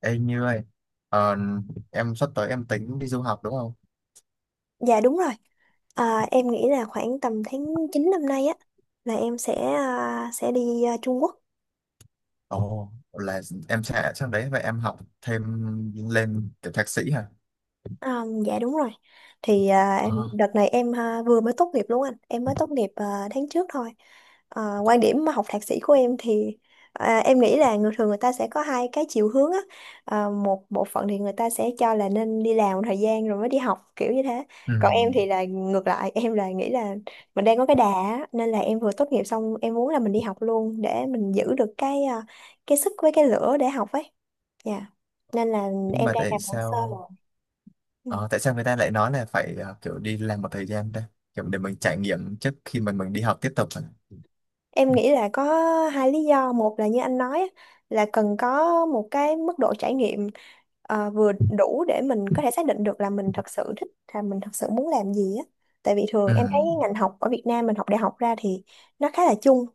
Ê Như ơi, ờ, em sắp tới em tính đi du học đúng không? Dạ đúng rồi. Em nghĩ là khoảng tầm tháng 9 năm nay á là em sẽ sẽ đi Trung Quốc. Ồ, là em sẽ sang đấy và em học thêm lên kiểu thạc sĩ hả? Dạ đúng rồi. Em Ờ, đợt này em vừa mới tốt nghiệp luôn anh. Em mới tốt nghiệp tháng trước thôi. Quan điểm mà học thạc sĩ của em thì em nghĩ là người thường người ta sẽ có hai cái chiều hướng á. Một bộ phận thì người ta sẽ cho là nên đi làm một thời gian rồi mới đi học kiểu như thế. ừ. Còn em thì là ngược lại, em nghĩ là mình đang có cái đà á, nên là em vừa tốt nghiệp xong em muốn là mình đi học luôn để mình giữ được cái cái sức với cái lửa để học ấy. Dạ. Nên là Nhưng em mà đang tại làm hồ sơ sao rồi. Ừ. ờ, tại sao người ta lại nói là phải ờ, kiểu đi làm một thời gian ta? Kiểu để mình trải nghiệm trước khi mình đi học tiếp tục hả? Em nghĩ là có hai lý do. Một là như anh nói á, là cần có một cái mức độ trải nghiệm vừa đủ để mình có thể xác định được là mình thật sự thích là mình thật sự muốn làm gì á. Tại vì thường Ừ. em thấy ngành học ở Việt Nam mình học đại học ra thì nó khá là chung.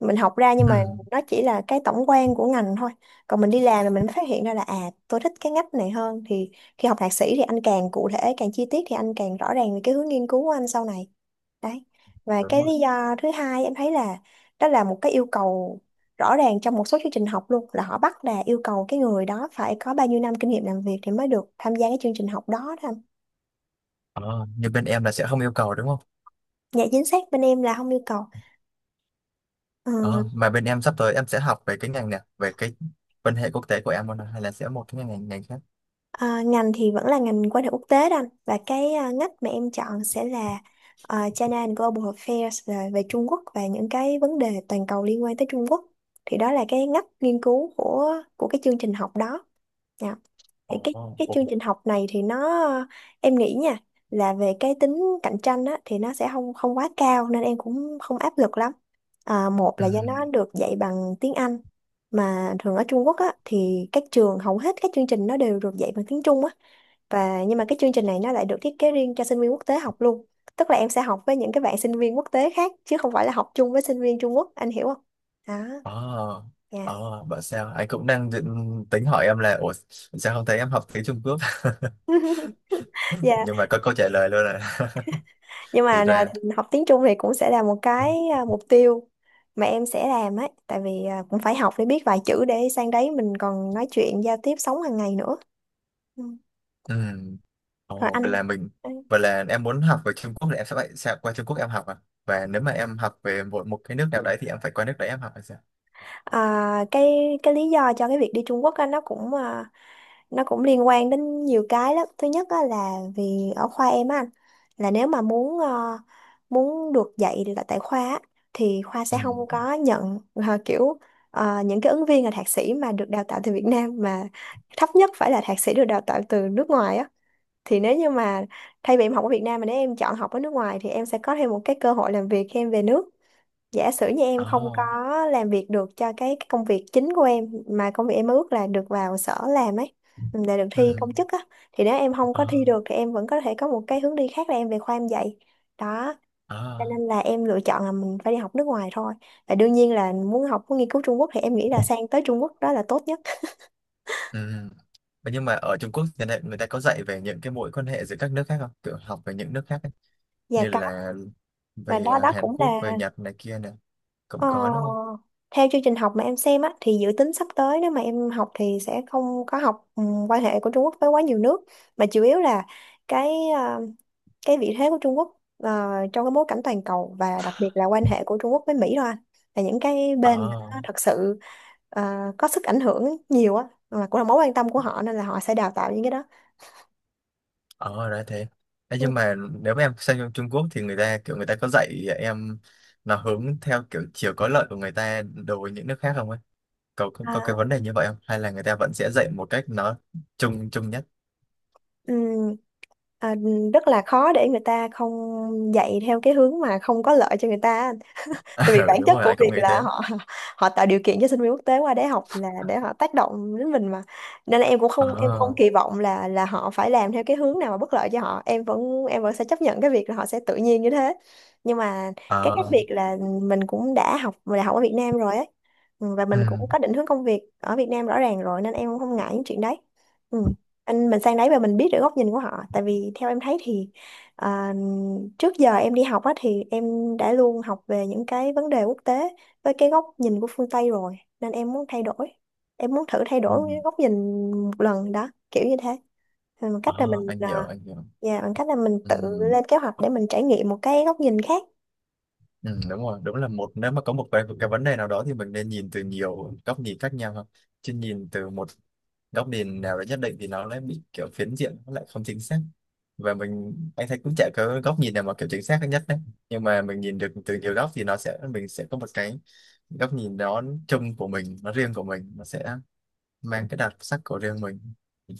Mình học ra nhưng Ừ. mà nó chỉ là cái tổng quan của ngành thôi. Còn mình đi làm là mình mới phát hiện ra là tôi thích cái ngách này hơn thì khi học thạc sĩ thì anh càng cụ thể, càng chi tiết thì anh càng rõ ràng về cái hướng nghiên cứu của anh sau này. Đấy. Và Đúng cái lý rồi. do thứ hai em thấy là đó là một cái yêu cầu rõ ràng trong một số chương trình học luôn là họ bắt là yêu cầu cái người đó phải có bao nhiêu năm kinh nghiệm làm việc thì mới được tham gia cái chương trình học đó đó anh. Ờ, như bên em là sẽ không yêu cầu đúng không? Dạ chính xác bên em là không yêu cầu. Ờ, Ờ, mà bên em sắp tới em sẽ học về cái ngành này, về cái quan hệ quốc tế của em luôn à, hay là sẽ một cái ngành ngành khác? Ngành thì vẫn là ngành quan hệ quốc tế đó anh và cái ngách mà em chọn sẽ là China and Global Affairs, là về Trung Quốc và những cái vấn đề toàn cầu liên quan tới Trung Quốc, thì đó là cái ngách nghiên cứu của cái chương trình học đó. Dạ. Ồ, Thì cái chương ồ. trình học này thì nó em nghĩ nha là về cái tính cạnh tranh á, thì nó sẽ không không quá cao nên em cũng không áp lực lắm. Một Ừ. là do nó được dạy bằng tiếng Anh, mà thường ở Trung Quốc á, thì các trường hầu hết các chương trình nó đều được dạy bằng tiếng Trung á. Và nhưng mà cái chương trình này nó lại được thiết kế riêng cho sinh viên quốc tế học luôn. Tức là em sẽ học với những cái bạn sinh viên quốc tế khác chứ không phải là học chung với sinh viên Trung Quốc, anh hiểu không? Đó, ờ dạ. ờ, bảo sao anh cũng đang định tính hỏi em là ủa sao không thấy em học tiếng Trung Quốc Dạ nhưng mà có câu trả lời luôn rồi. nhưng Thì mà là ra học tiếng Trung thì cũng sẽ là một cái mục tiêu mà em sẽ làm ấy, tại vì cũng phải học để biết vài chữ để sang đấy mình còn nói chuyện giao tiếp sống hàng ngày nữa. Ừ. ừ. Rồi Ồ, anh, vậy là em muốn học về Trung Quốc thì em sẽ phải sẽ qua Trung Quốc em học à, và nếu mà em học về một một cái nước nào đấy thì em phải qua nước đấy em học hay sao? à, cái cái lý do cho cái việc đi Trung Quốc á, nó cũng nó cũng liên quan đến nhiều cái lắm. Thứ nhất á, là vì ở khoa em á anh, là nếu mà muốn muốn được dạy là tại khoa á, thì khoa sẽ Ừ. không có nhận kiểu những cái ứng viên là thạc sĩ mà được đào tạo từ Việt Nam, mà thấp nhất phải là thạc sĩ được đào tạo từ nước ngoài á. Thì nếu như mà thay vì em học ở Việt Nam mà nếu em chọn học ở nước ngoài thì em sẽ có thêm một cái cơ hội làm việc khi em về nước. Giả sử như em Ờ. không có làm việc được cho cái công việc chính của em, mà công việc em ước là được vào sở làm ấy, ừ, để được Ừ. thi công chức á, thì nếu em không Ờ. có thi được thì em vẫn có thể có một cái hướng đi khác là em về khoa em dạy. Đó. Ờ. Cho nên là em lựa chọn là mình phải đi học nước ngoài thôi, và đương nhiên là muốn học muốn nghiên cứu Trung Quốc thì em nghĩ là sang tới Trung Quốc đó là tốt nhất. Ừ. Vậy nhưng mà ở Trung Quốc thì người ta có dạy về những cái mối quan hệ giữa các nước khác không? Kiểu học về những nước khác Và như có, là và về đó à, đó Hàn cũng Quốc, về là. Nhật này kia nè, cũng Ờ, có đúng không? theo chương trình học mà em xem á, thì dự tính sắp tới nếu mà em học thì sẽ không có học quan hệ của Trung Quốc với quá nhiều nước, mà chủ yếu là cái ờ, cái vị thế của Trung Quốc trong cái bối cảnh toàn cầu, và đặc biệt là quan hệ của Trung Quốc với Mỹ thôi anh. Là những cái Ờ. bên mà nó thật sự ờ, có sức ảnh hưởng nhiều á, mà cũng là mối quan tâm của họ nên là họ sẽ đào tạo những cái đó. Ờ ra thế. Ê, nhưng mà nếu mà em sang trong Trung Quốc thì người ta có dạy em nó hướng theo kiểu chiều có lợi của người ta đối với những nước khác không ấy? Có, có Ờ. cái vấn đề như vậy không hay là người ta vẫn sẽ dạy một cách nó chung chung nhất? Ừ. Rất là khó để người ta không dạy theo cái hướng mà không có lợi cho người ta á. Tại vì Ừ, bản đúng chất rồi, của anh cũng việc nghĩ là thế. họ họ tạo điều kiện cho sinh viên quốc tế qua để học là để họ tác động đến mình mà, nên là em cũng không em không Ờ. kỳ vọng là họ phải làm theo cái hướng nào mà bất lợi cho họ. Em vẫn sẽ chấp nhận cái việc là họ sẽ tự nhiên như thế. Nhưng mà cái khác Ờ. biệt là mình cũng đã học đại học ở Việt Nam rồi ấy. Ừ, và mình cũng Ừ. có định hướng công việc ở Việt Nam rõ ràng rồi nên em cũng không ngại những chuyện đấy. Ừ. Anh mình sang đấy và mình biết được góc nhìn của họ, tại vì theo em thấy thì À, trước giờ em đi học á thì em đã luôn học về những cái vấn đề quốc tế với cái góc nhìn của phương Tây rồi, nên em muốn thay đổi, em muốn thử thay Ừ. đổi cái góc nhìn một lần đó kiểu như thế. Rồi bằng cách là Ờ, anh hiểu, anh hiểu. dạ, bằng cách là mình Ừ. tự lên kế hoạch để mình trải nghiệm một cái góc nhìn khác. Ừ, đúng rồi, đúng là một nếu mà có một cái vấn đề nào đó thì mình nên nhìn từ nhiều góc nhìn khác nhau không? Chứ nhìn từ một góc nhìn nào đó nhất định thì nó lại bị kiểu phiến diện, nó lại không chính xác. Và mình anh thấy cũng chả có góc nhìn nào mà kiểu chính xác nhất đấy. Nhưng mà mình nhìn được từ nhiều góc thì nó sẽ mình sẽ có một cái góc nhìn đó chung của mình, nó riêng của mình, nó sẽ mang cái đặc sắc của riêng mình,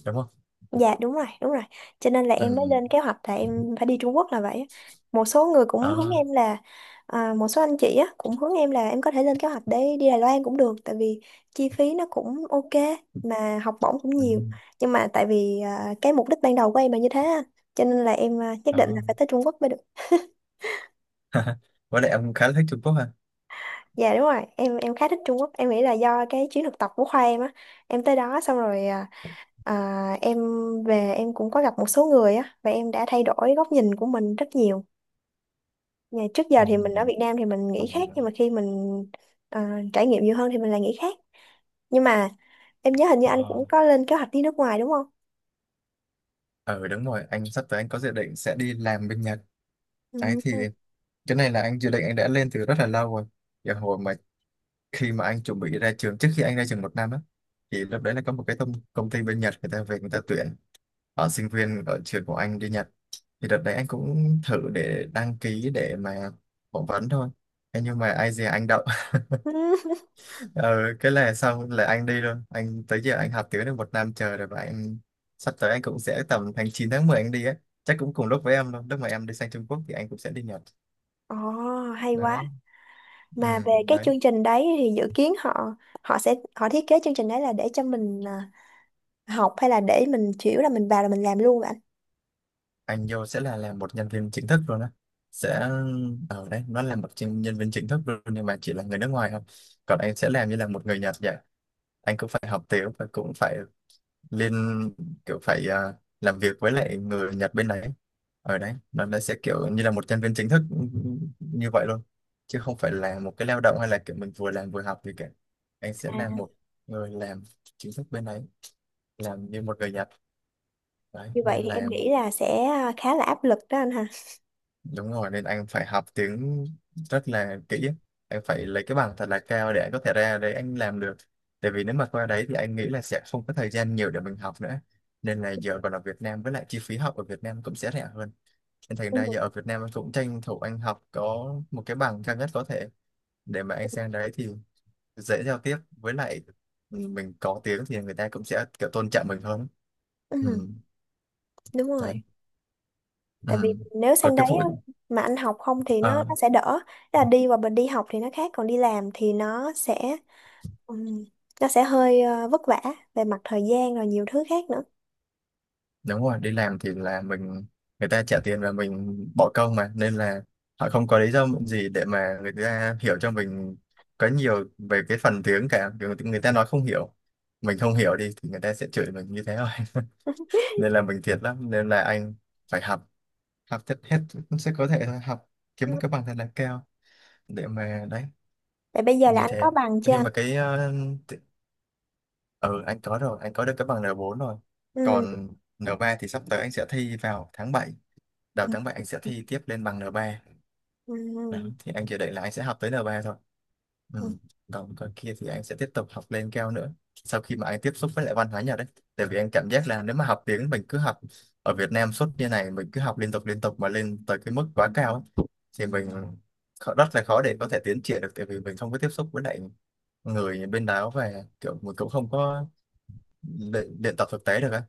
đúng không? Dạ đúng rồi, đúng rồi. Cho nên là Ừ. em mới lên kế hoạch là em phải đi Trung Quốc là vậy á. Một số người cũng hướng Đó. em là một số anh chị á cũng hướng em là em có thể lên kế hoạch để đi Đài Loan cũng được, tại vì chi phí nó cũng ok mà học bổng cũng Ừ. nhiều. Nhưng mà tại vì cái mục đích ban đầu của em là như thế á, cho nên là em nhất định là Đó. phải tới Trung Quốc mới được. Với lại ông khá là thích Trung Quốc hả? Dạ đúng rồi, em khá thích Trung Quốc. Em nghĩ là do cái chuyến thực tập của khoa em á, em tới đó xong rồi, em về em cũng có gặp một số người á và em đã thay đổi góc nhìn của mình rất nhiều. Nhà trước giờ Ừ. thì mình ở Việt Nam thì mình Ờ. nghĩ khác, nhưng mà khi mình trải nghiệm nhiều hơn thì mình lại nghĩ khác. Nhưng mà em nhớ hình như anh Ờ. cũng có lên kế hoạch đi nước ngoài đúng không? Ừ, đúng rồi, anh sắp tới anh có dự định sẽ đi làm bên Nhật. Đấy thì cái này là anh dự định anh đã lên từ rất là lâu rồi. Giờ hồi mà khi mà anh chuẩn bị ra trường, trước khi anh ra trường một năm á, thì lúc đấy là có một cái công ty bên Nhật người ta về người ta tuyển ở sinh viên ở trường của anh đi Nhật. Thì đợt đấy anh cũng thử để đăng ký để mà phỏng vấn thôi. Thế nhưng mà ai dè anh đậu, Ừ. Ừ. ừ, cái là xong là anh đi luôn, anh tới giờ anh học tiếng được một năm trời rồi và anh sắp tới anh cũng sẽ tầm tháng 9 tháng 10 anh đi á, chắc cũng cùng lúc với em luôn, lúc mà em đi sang Trung Quốc thì anh cũng sẽ đi Nhật. Ồ, hay quá. Đó. Ừ, Mà về cái đấy chương trình đấy thì dự kiến họ họ sẽ thiết kế chương trình đấy là để cho học, hay là để mình chỉ là mình vào là mình làm luôn vậy anh? anh vô sẽ là làm một nhân viên chính thức luôn á, sẽ ở đấy nó là một nhân nhân viên chính thức luôn nhưng mà chỉ là người nước ngoài thôi, còn anh sẽ làm như là một người Nhật vậy, anh cũng phải học tiếng và cũng phải lên kiểu phải làm việc với lại người Nhật bên đấy, ở đấy nó sẽ kiểu như là một nhân viên chính thức, ừ, như vậy luôn, chứ không phải là một cái lao động hay là kiểu mình vừa làm vừa học gì cả, anh sẽ À, là một người làm chính thức bên đấy, làm như một người Nhật. Đấy như vậy nên thì em là nghĩ là sẽ khá là áp lực đó anh ha. đúng rồi, nên anh phải học tiếng rất là kỹ, anh phải lấy cái bằng thật là cao để anh có thể ra đấy anh làm được, tại vì nếu mà qua đấy thì anh nghĩ là sẽ không có thời gian nhiều để mình học nữa, nên là giờ còn ở Việt Nam với lại chi phí học ở Việt Nam cũng sẽ rẻ hơn, nên thành ra Ừ. giờ ở Việt Nam anh cũng tranh thủ anh học có một cái bằng cao nhất có thể để mà anh sang đấy thì dễ giao tiếp, với lại mình có tiếng thì người ta cũng sẽ kiểu tôn trọng mình hơn. Ừ, Ừ. đúng Đấy. rồi. Tại vì Ừ. nếu Còn sang cái đấy vụ á, mà anh học không thì nó ờ, nó sẽ đỡ. Tức là đi và mình đi học thì nó khác, còn đi làm thì ừm, nó sẽ hơi vất vả về mặt thời gian rồi nhiều thứ khác nữa. đúng rồi, đi làm thì là mình, người ta trả tiền và mình bỏ công mà, nên là họ không có lý do gì để mà người ta hiểu cho mình có nhiều về cái phần tiếng cả. Kiểu người ta nói không hiểu, mình không hiểu đi thì người ta sẽ chửi mình như thế thôi. Nên là mình thiệt lắm, nên là anh phải học, học tất hết, sẽ có thể là học kiếm Ừ. một cái bằng thật là cao để mà đấy Vậy bây giờ là như anh có thế. bằng chưa Nhưng anh? mà cái t- ừ anh có rồi, anh có được cái bằng N4 rồi, Ừ. còn N3 thì sắp tới anh sẽ thi vào tháng bảy, đầu Ừ. tháng 7 anh sẽ thi tiếp lên bằng N3. Ừ. Đó, thì anh dự định là anh sẽ học tới N3 thôi. Ừ. Ừ. Còn còn kia thì anh sẽ tiếp tục học lên cao nữa sau khi mà anh tiếp xúc với lại văn hóa Nhật đấy, tại vì anh cảm giác là nếu mà học tiếng mình cứ học ở Việt Nam suốt như này, mình cứ học liên tục mà lên tới cái mức quá cao ấy, thì mình rất là khó để có thể tiến triển được, tại vì mình không có tiếp xúc với lại người bên đó và kiểu mình cũng không có luyện tập thực tế được ấy,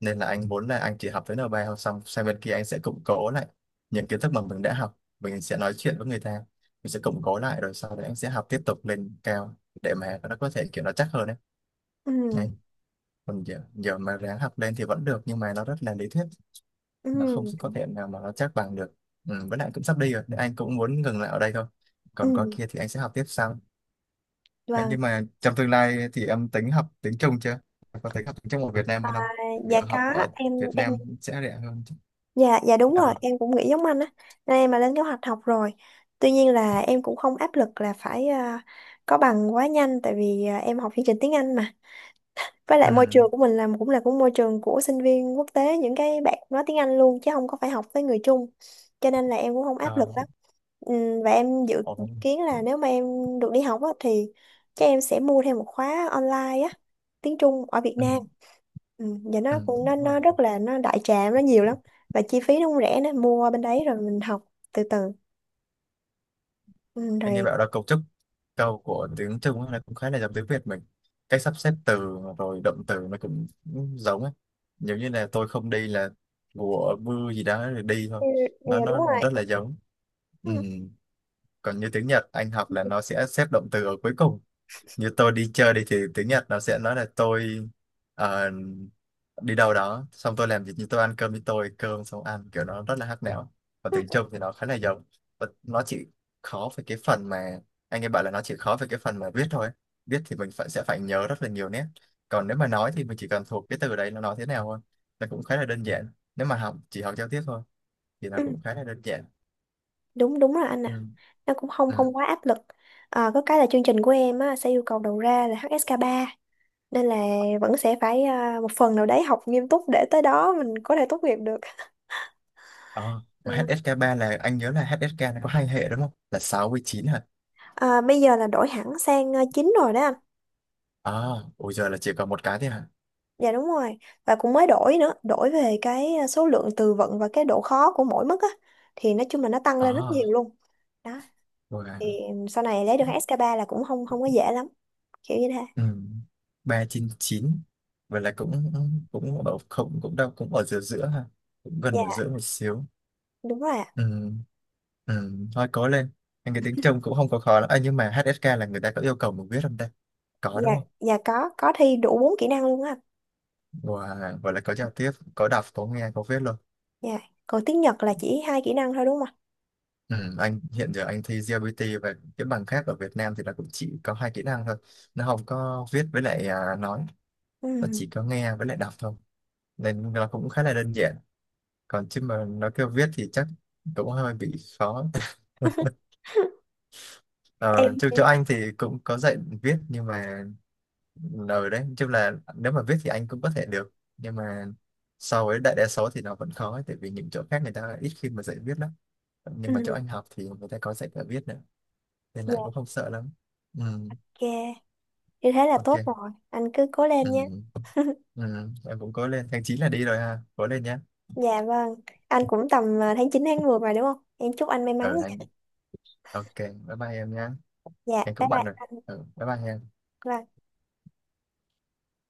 nên là anh muốn là anh chỉ học tới N3 thôi, xong sang bên kia anh sẽ củng cố lại những kiến thức mà mình đã học, mình sẽ nói chuyện với người ta, mình sẽ củng cố lại rồi sau đấy anh sẽ học tiếp tục lên cao để mà nó có thể kiểu nó chắc hơn đấy. Ừ. Đấy. Còn giờ mà ráng học lên thì vẫn được nhưng mà nó rất là lý thuyết, Ừ. nó không có thể nào mà nó chắc bằng được. Ừ, với lại cũng sắp đi rồi nên anh cũng muốn ngừng lại ở đây thôi, còn qua Ừ. kia thì anh sẽ học tiếp sau. Đấy, Vâng, nhưng mà trong tương lai thì em tính học tiếng Trung chưa? Có tính học tiếng Trung ở Việt Nam hơn à, không? dạ Việc có, học ở em Việt em Nam sẽ rẻ hơn chứ. Dạ, dạ đúng rồi, Ờ. em cũng nghĩ giống anh á. Nên em mà lên kế hoạch học rồi. Tuy nhiên là em cũng không áp lực là phải có bằng quá nhanh tại vì em học chương trình tiếng Anh mà. Với lại môi Ừ. trường của mình là cũng là môi trường của sinh viên quốc tế, những cái bạn nói tiếng Anh luôn chứ không có phải học với người Trung. Cho nên là em cũng không áp lực Ờ. lắm. Và em dự Ồ. kiến là nếu mà em được đi học á, thì chắc em sẽ mua thêm một khóa online á, tiếng Trung ở Việt Ừ. Nam. Ừ, và nó Ừ. cũng nó Đúng rồi. nó rất là nó đại trà, nó nhiều lắm, và chi phí nó cũng rẻ nữa, mua bên đấy rồi mình học từ từ. Ừ, Anh nghe rồi bảo là cấu trúc câu của tiếng Trung ấy là cũng khá là giống tiếng Việt mình. Cách sắp xếp từ rồi động từ nó cũng giống ấy. Giống như là tôi không đi là của mưa gì đó rồi đi thôi. ừ, ừ, Nó đúng nó rồi. rất là giống. Ừ. Còn như tiếng Nhật anh học là nó sẽ xếp động từ ở cuối cùng, như tôi đi chơi đi thì tiếng Nhật nó sẽ nói là tôi ờ, đi đâu đó xong tôi làm việc, như tôi ăn cơm với tôi cơm xong ăn, kiểu nó rất là hát nẻo, còn tiếng Trung thì nó khá là giống. Và nó chỉ khó về cái phần mà anh ấy bảo là nó chỉ khó về cái phần mà viết thôi, viết thì mình phải sẽ phải nhớ rất là nhiều nét, còn nếu mà nói thì mình chỉ cần thuộc cái từ đấy nó nói thế nào thôi, nó cũng khá là đơn giản, nếu mà học chỉ học giao tiếp thôi thì nó Ừ, cũng khá là đơn giản. đúng đúng là anh ạ, Ừ. nó cũng không Ừ. không quá áp lực. Có cái là chương trình của em á, sẽ yêu cầu đầu ra là HSK3, nên là vẫn sẽ phải một phần nào đấy học nghiêm túc để tới đó mình có thể tốt nghiệp được. Ờ, mà à, HSK ba là anh nhớ là HSK nó có hai hệ đúng không, là 6 với 9? Bây giờ là đổi hẳn sang chính rồi đó anh. À, ôi giờ là chỉ còn một cái thế hả? Dạ đúng rồi. Và cũng mới đổi nữa, đổi về cái số lượng từ vựng và cái độ khó của mỗi mức á, thì nói chung là nó tăng lên rất À nhiều luôn. Đó, rồi à. thì sau này lấy được SK3 là cũng không không có dễ lắm, kiểu như thế. Ừ. Ba trên chín, vậy là cũng cũng ở không cũng đâu cũng ở giữa giữa ha, cũng Dạ, gần ở giữa một xíu. đúng rồi ạ. Ừ. Ừ, thôi cố lên. Anh cái tiếng trông cũng không có khó lắm, à, nhưng mà HSK là người ta có yêu cầu mình viết không ta? Có đúng Dạ, không? dạ có thi đủ 4 kỹ năng luôn á. Wow, vậy là có giao tiếp, có đọc, có nghe, có viết luôn. Dạ. Còn tiếng Nhật là chỉ hai kỹ năng thôi đúng không ạ? Ừ. Anh hiện giờ anh thi GLBT và cái bằng khác ở Việt Nam thì nó cũng chỉ có hai kỹ năng thôi, nó không có viết với lại nói, nó Ừ. chỉ có nghe với lại đọc thôi, nên nó cũng khá là đơn giản. Còn chứ mà nó kêu viết thì chắc cũng hơi bị khó. Ờ, Em chứ chỗ anh thì cũng có dạy viết, nhưng mà ở đấy chung là nếu mà viết thì anh cũng có thể được, nhưng mà so với đại đa số thì nó vẫn khó ấy, tại vì những chỗ khác người ta ít khi mà dạy viết lắm, nhưng mà chỗ ừ. anh học thì người ta có dạy cả viết nữa, nên Dạ lại cũng không sợ lắm. Ừ, ok. Như thế là ok. tốt rồi. Anh cứ cố lên nha. Ừ, ừ, em cũng cố lên, tháng 9 là đi rồi ha, cố lên nhé. Dạ vâng. Anh cũng tầm tháng 9 tháng 10 mà đúng không? Em chúc anh may mắn Ở anh. nha. Ok, bye bye em nhé. Dạ, Anh bye cũng bận rồi, ừ, bye bye em. bye.